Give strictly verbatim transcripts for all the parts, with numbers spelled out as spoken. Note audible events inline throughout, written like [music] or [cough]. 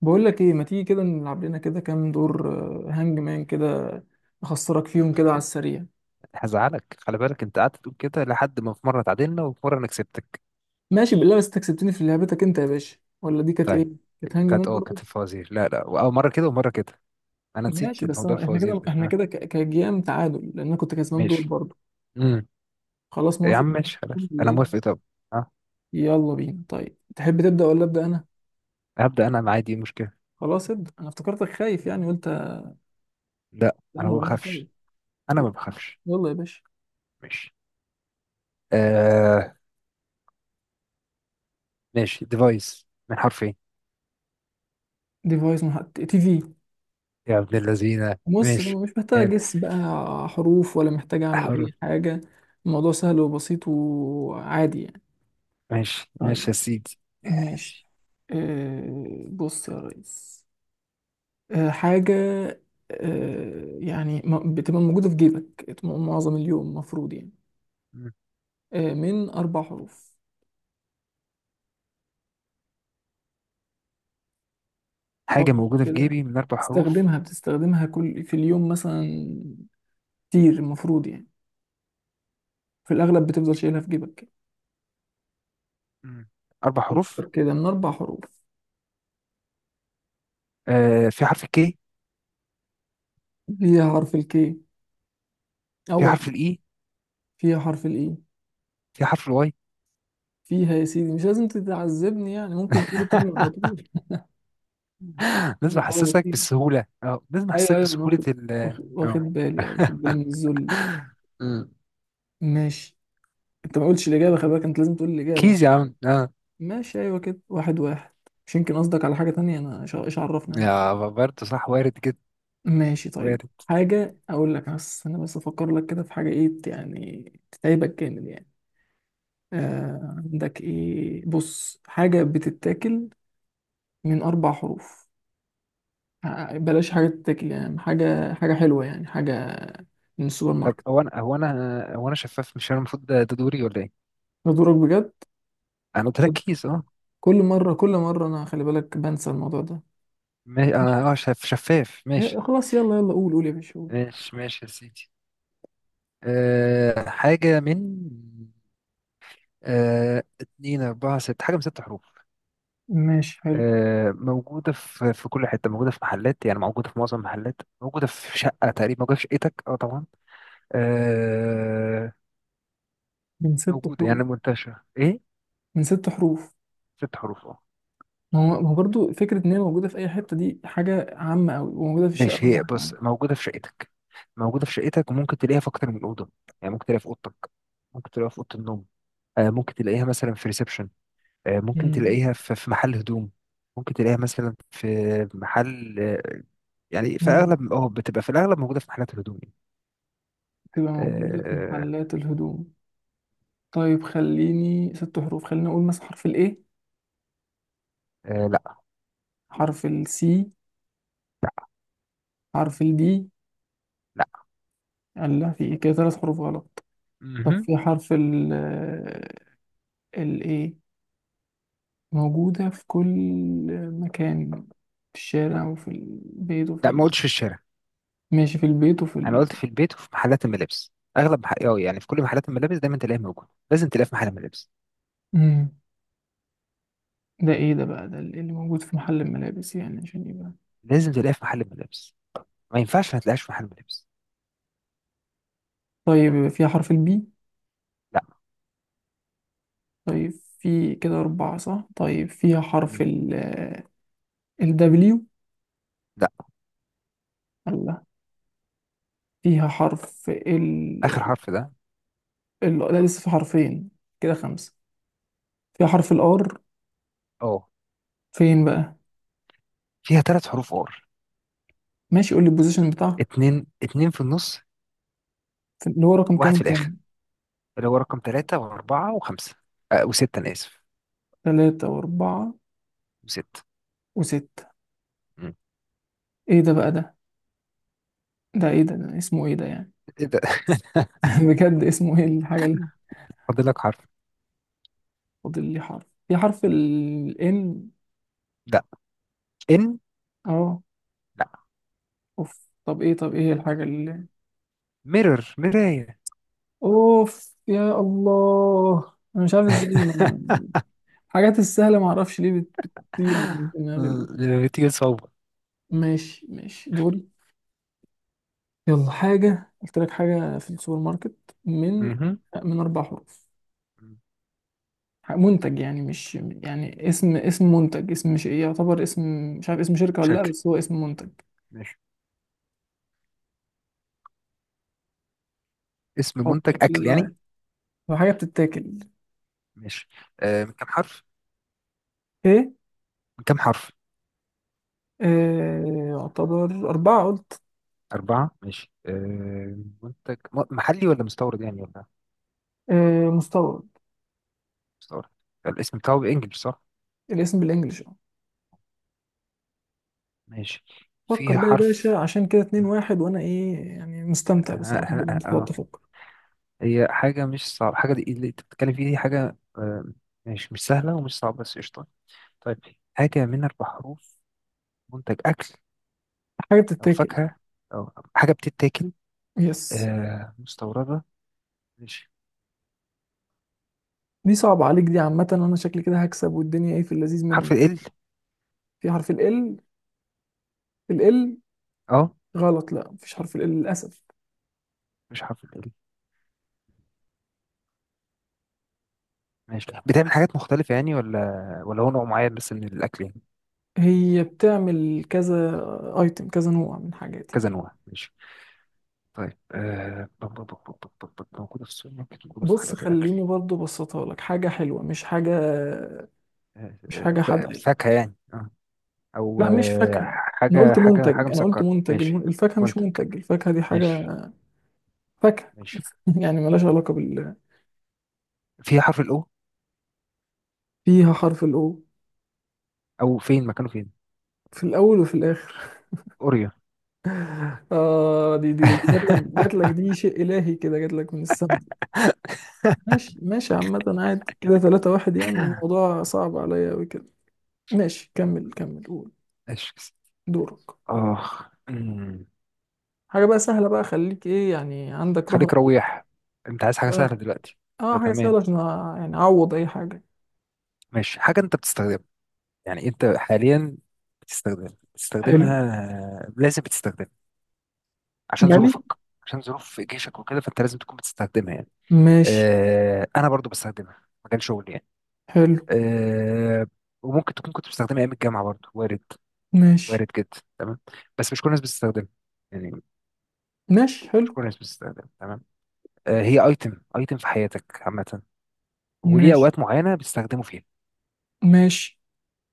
بقول لك ايه، ما تيجي كده نلعب لنا كده كام دور؟ آه، هانج مان كده، اخسرك فيهم كده على السريع. هزعلك، خلي بالك انت قعدت تقول كده لحد ما في مره اتعادلنا وفي مره انا كسبتك. ماشي بالله، بس انت كسبتني في لعبتك انت يا باشا. ولا دي كانت ايه؟ طيب، كانت هانج مان كانت اه برضه. كانت الفوازير، لا لا اه مره كده ومره كده. انا ماشي، نسيت بس الموضوع أنا احنا الفوازير كده ده، احنا ها؟ كده ك- كجيام تعادل، لان انا كنت كسبان دور ماشي. برضه. امم خلاص، يا عم موافق ماشي، خلاص ولا انا إيه؟ موافق. طب، ها؟ يلا بينا. طيب تحب تبدا ولا ابدا انا؟ هبدا انا، معايا دي مشكله. خلاص، ابدا انا. افتكرتك خايف يعني، قلت انا لا انا ما لو انت خايف. بخافش، انا ما خلاص. بخافش. يلا يا باشا. ماشي. آه. ماشي، ديفايس من حرفين. ديفايس محدد، تي في. يا ابن اللذينه بص ماشي. ده مش محتاج حلو. اجس بقى حروف ولا محتاج اعمل اي حروف. حاجة، الموضوع سهل وبسيط وعادي يعني. ماشي ماشي يا طيب. سيدي. ماشي. أه بص يا ريس. أه حاجة. أه يعني م- بتبقى موجودة في جيبك معظم اليوم مفروض يعني. مم. أه من أربع حروف. طب، حاجه موجوده في كده جيبي من اربع حروف. تستخدمها، بتستخدمها كل في اليوم مثلا، كتير المفروض يعني. في الأغلب بتفضل شايلها في جيبك. مم. اربع حروف. فكر كده، من أربع حروف. آه، في حرف الكي. ليها حرف الكي في أول. حرف الاي. فيها حرف الاي. في حرف الواي. فيها يا سيدي، مش لازم تتعذبني يعني، ممكن تقول الكلمة على [laughs] طول. لازم الموضوع احسسك بسيط. بالسهوله، اه لازم ايوه احسسك ايوه، من بسهوله واخد، ال. واخد، واخد اه. بالي او واخد بالي [laughs] من الذل. مم. ماشي. انت ما قلتش الاجابه، خلي بالك انت لازم تقول الاجابه. كيز يا عم، اه. ماشي ايوه كده، واحد واحد. مش يمكن قصدك على حاجه تانية انا؟ إيش- ايش عرفني انا. يا، برضه صح، وارد جدا. ماشي طيب، وارد. حاجه اقول لك بس، انا بس افكر لك كده في حاجه ايه بت- يعني تتعبك جامد يعني. آه عندك ايه؟ بص حاجه بتتاكل، من اربع حروف. ع- بلاش حاجة تتاكل يعني، حاجة، حاجة حلوة يعني، حاجة من السوبر طب ماركت. هو انا، هو انا هو انا شفاف؟ مش انا المفروض ده ده دوري ولا ايه؟ بدورك بجد انا قلت لك ده. كيس اه. كل مرة كل مرة أنا خلي بالك بنسى الموضوع ده. ما- ماشي. انا اه شف شفاف. يا- ماشي. خلاص يلا يلا، قول قول يا باشا قول. ماشي ماشي يا سيدي. أه، حاجة من، أه، اتنين أربعة ست حاجة من ست حروف. ماشي حلو. آه، موجودة في في كل حتة، موجودة في محلات يعني، موجودة في معظم المحلات، موجودة في شقة تقريبا، موجودة في شقتك اه طبعا. آه، من ست موجودة حروف. يعني، منتشرة ايه. من ست حروف. ست حروف اه. ما هو ما هو برضه فكرة إن هي موجودة في أي حتة، دي حاجة عامة أوي، وموجودة في الشقة ماشي، برضه هي حاجة عامة. بص موجودة في شقتك. موجودة في شقتك وممكن تلاقيها في أكتر من أوضة. يعني ممكن تلاقيها في أوضتك، ممكن تلاقيها في أوضة النوم. آه، ممكن تلاقيها مثلا في ريسبشن. آه، ممكن مم. تلاقيها في في محل هدوم. ممكن تلاقيها مثلا في محل، آه، يعني في مم. أغلب اه، بتبقى في الأغلب موجودة في محلات الهدوم يعني. تبقى موجودة في آه. محلات الهدوم. طيب خليني، ست حروف، خليني أقول مثلا حرف الإيه. آه. لا. حرف السي. حرف الدي. لا، في إيه كده ثلاث حروف غلط. طب مهم. في حرف ال، ال A موجودة في كل مكان، في الشارع وفي البيت وفي لا، ال... ما قلتش في الشارع. ماشي، في البيت وفي انا ال... قلت في البيت وفي محلات الملابس، اغلب مح... أو يعني في كل محلات الملابس دايما تلاقيه موجود، لازم تلاقيه في محل ملابس. مم. ده ايه ده بقى، ده اللي موجود في محل الملابس يعني عشان يبقى. لازم تلاقيه في محل ملابس، ما ينفعش ما تلاقيهاش في محل ملابس. طيب فيها حرف البي؟ لا. طيب في كده أربعة صح، طيب فيها حرف مم. ال الدبليو. لا. الله. فيها حرف اخر ال، حرف ده. ال لا لسه في حرفين، كده خمسة. فيها حرف الار. اه. فين بقى؟ فيها ثلاث حروف ار. ماشي قول لي البوزيشن بتاعها. اتنين، اتنين في النص، في- اللي هو رقم كام واحد في الاخر. وكام. اللي هو رقم ثلاثة وأربعة وخمسة. أه، وستة، أنا آسف. تلاتة وأربعة وستة. وستة. مم. إيه ده بقى ده؟ ده إيه ده؟ ده اسمه إيه ده يعني؟ إيه ده؟ [laughs] بجد اسمه إيه الحاجة اللي... [laughs] فاضل لك حرف. فاضل لي حرف؟ في حرف مم. ال N. لا. إن. أه. لا. أوف، طب إيه، طب إيه الحاجة اللي... ميرور، مراية. أوف يا الله، أنا مش عارف إزاي، ما أنا [laughs] الحاجات السهلة معرفش ليه بت... بتطير من دماغي. لما بتيجي صعوبة. ماشي ماشي دول. يلا، حاجة قلت لك، حاجة في السوبر ماركت، من مهم. من أربع حروف. منتج يعني، مش يعني اسم، اسم منتج، اسم مش ايه، يعتبر اسم، مش عارف اسم شركة ولا لا، شركة. بس هو اسم منتج. ماشي. اسم حط منتج كده أكل يعني. بقى. هو حاجة بتتاكل. ماشي. آه، من كم حرف؟ ايه. من كم حرف؟ آه يعتبر. أربعة قلت. أربعة، ماشي. آه، منتج م- محلي ولا مستورد يعني، ولا؟ آه مستورد. مستورد. الاسم بتاعه بالإنجلش صح؟ الاسم بالإنجلش اه. ماشي. فكر فيها بقى يا حرف. باشا، عشان كده اتنين آه, واحد، وأنا ايه يعني آه, مستمتع بصراحة آه, بإن آه. أنت آه، تقعد آه. تفكر. هي حاجة مش صعبة، حاجة دي اللي أنت بتتكلم فيها دي حاجة آه. ماشي، مش سهلة ومش صعبة بس قشطة. طيب، حاجة من أربع حروف، منتج أكل حاجة أو بتتاكل. فاكهة أو حاجة بتتاكل، يس. آه مستوردة. ماشي. دي صعبة عليك، دي عامة، وأنا شكلي كده هكسب، والدنيا ايه، في اللذيذ منه. حرف ال، في حرف ال، ال ال. اه. غلط؟ لا مفيش حرف ال للأسف. مش حرف ال. ماشي، بتعمل حاجات مختلفة يعني، ولا ولا هو نوع معين بس من الأكل يعني؟ هي بتعمل كذا ايتم، كذا نوع من حاجات كذا يعني. نوع، ماشي. طيب، آه... بم- بم- بم- بم- بم- بم- موجودة في السوبر ماركت، موجودة في بص حاجات الأكل. خليني برضو بسطها لك، حاجة حلوة مش حاجة، آه... مش آه، حاجة ف- حادقة يعني. فاكهة يعني، آه. أو لا مش آه... فاكهة. انا حاجة قلت حاجة حاجة منتج، انا قلت مسكرة، منتج، ماشي. الم- الفاكهة مش منتج، منتج، الفاكهة دي حاجة. ماشي. فاكهة. ماشي. [laughs] يعني ملهاش علاقة بال... فيها حرف الأو. فيها حرف الاو. أو فين، مكانه فين؟ في الاول وفي الاخر. أوريو. [laughs] اه، دي دي, دي جات لك جات [laughs] لك دي شيء الهي كده، جات لك من السما. ماشي ماشي، عامة عادي كده، ثلاثة واحد يعني، الموضوع صعب عليا أوي كده. ماشي كمل كمل قول. ماشي. دورك. آه أمم. حاجة بقى سهلة بقى، خليك ايه يعني، عندك روح خليك رياضية. رويح. أنت عايز حاجة سهلة اه. دلوقتي؟ ده اه حاجة سهلة، تمام. عشان أ- يعني اعوض اي حاجة. ماشي، حاجة أنت بتستخدمها. يعني انت حاليا بتستخدم، حلو. بتستخدمها، لازم بتستخدمها عشان مالي. ظروفك، عشان ظروف جيشك وكده، فانت لازم تكون بتستخدمها يعني. ماشي اه، انا برضو بستخدمها في مجال شغلي يعني. حلو. اه. وممكن تكون كنت بستخدمها ايام الجامعه برضو، وارد. ماشي وارد جدا، تمام. بس مش كل الناس بتستخدمها يعني، ماشي مش حلو. كل الناس بتستخدمها، تمام. اه، هي ايتم، ايتم في حياتك عامه، وليه ماشي اوقات معينه بتستخدمه فيها. ماشي.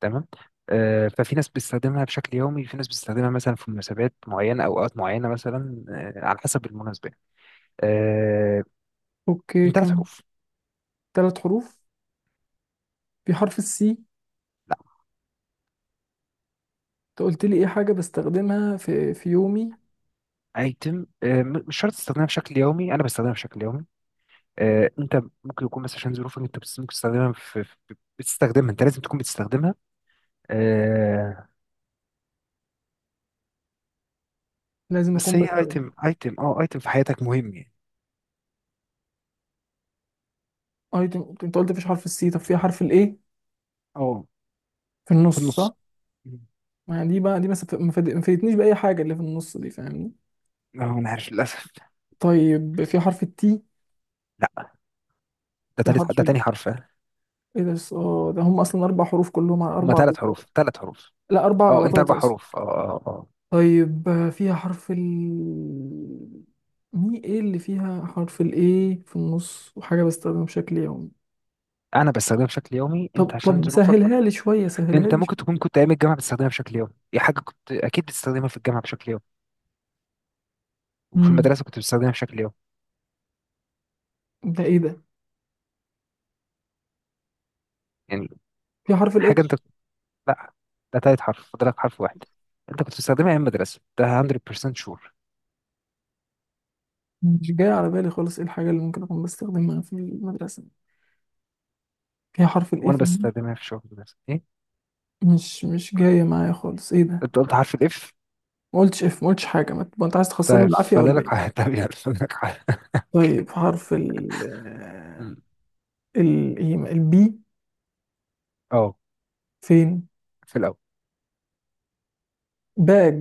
تمام. آه، ففي ناس بتستخدمها بشكل يومي، في ناس بتستخدمها مثلا في مناسبات معينة أو أوقات معينة مثلا. آه، على حسب المناسبة. آه. اوكي، من ثلاث كم؟ حروف. ثلاث حروف. في حرف السي؟ انت لا. قلت لي ايه، حاجة بستخدمها في في يومي. ايتم، آه، م- مش شرط تستخدمها بشكل يومي، أنا بستخدمها بشكل يومي. آه، أنت ممكن يكون مثلا عشان ظروفك أنت بس- ممكن تستخدمها في في- بتستخدمها، أنت لازم تكون بتستخدمها. آه. لازم بس اكون هي بستخدم. ايتم، ايتم، أه ايتم في حياتك مهم يعني. اه انت. أنت قلت مفيش حرف السي، طب في حرف الايه؟ أه. في في النص النص. صح. ما دي بقى دي، ما سف- ما فاد- ما فادتنيش بأي حاجة اللي في النص دي فاهمني. أه، أنا عارف للأسف. طيب في حرف التي. لا. ده في تالت، حرف ده تاني حرف آه. ايه ده س- اه، ده هم اصلا اربع حروف كلهم، على هما اربع ثلاث غلطات. حروف، ثلاث حروف. لا اربع اه انت، غلطات اربع اصلا. حروف، اه اه اه آه. طيب آه، فيها حرف ال مي. ايه اللي فيها حرف الايه في النص وحاجة بستخدمها بشكل يومي؟ انا بستخدمها بشكل يومي، انت طب عشان طب ظروفك سهلها لي شوية، سهلها انت لي شوية. ممكن تكون كنت ايام الجامعه بتستخدمها بشكل يومي، دي حاجه كنت اكيد بتستخدمها في الجامعه بشكل يومي، وفي امم. المدرسه كنت بتستخدمها بشكل يومي ده ايه ده. يعني. فيها حرف حاجه انت. الاتش. لا. ده تالت حرف، فاضلك حرف واحد. انت كنت بتستخدمها ايام المدرسه، ده مية بالمية شور. مش جاي على بالي خالص، ايه الحاجة اللي ممكن اكون بستخدمها في المدرسة، فيها حرف الايه وانا في النص؟ بستخدمها في شغل المدرسه ايه. مش مش جاية معايا خالص، ايه ده. انت قلت حرف الاف. ما قلتش اف، ما قلتش حاجة، ما ما انت عايز تخسرني طيب بالعافية ولا فاضلك ايه؟ ح-. [laughs] طب يلا فاضلك ح-. طيب حرف ال، م. ال- البي. اه. فين؟ في الاول. باج.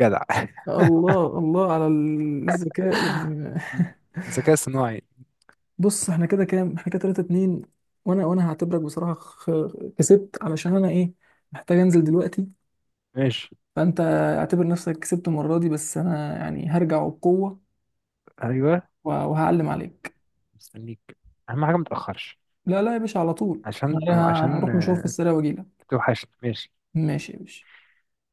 جدع. الله الله على الذكاء [laughs] يعني. م. [laughs] الذكاء الصناعي. بص احنا كده كام، احنا كده ثلاثة اتنين. وانا وانا هعتبرك بصراحة خ- كسبت، علشان انا ايه، محتاج انزل دلوقتي. ماشي. فانت اعتبر نفسك كسبت المرة دي، بس انا يعني هرجع بقوة ايوه. و- وهعلم عليك. مستنيك، اهم حاجه ما تاخرش، لا لا يا باشا، على طول. عشان أو انا عشان هروح مشوار آه، في السريع واجيلك. توحشني. ماشي. ماشي يا باشا.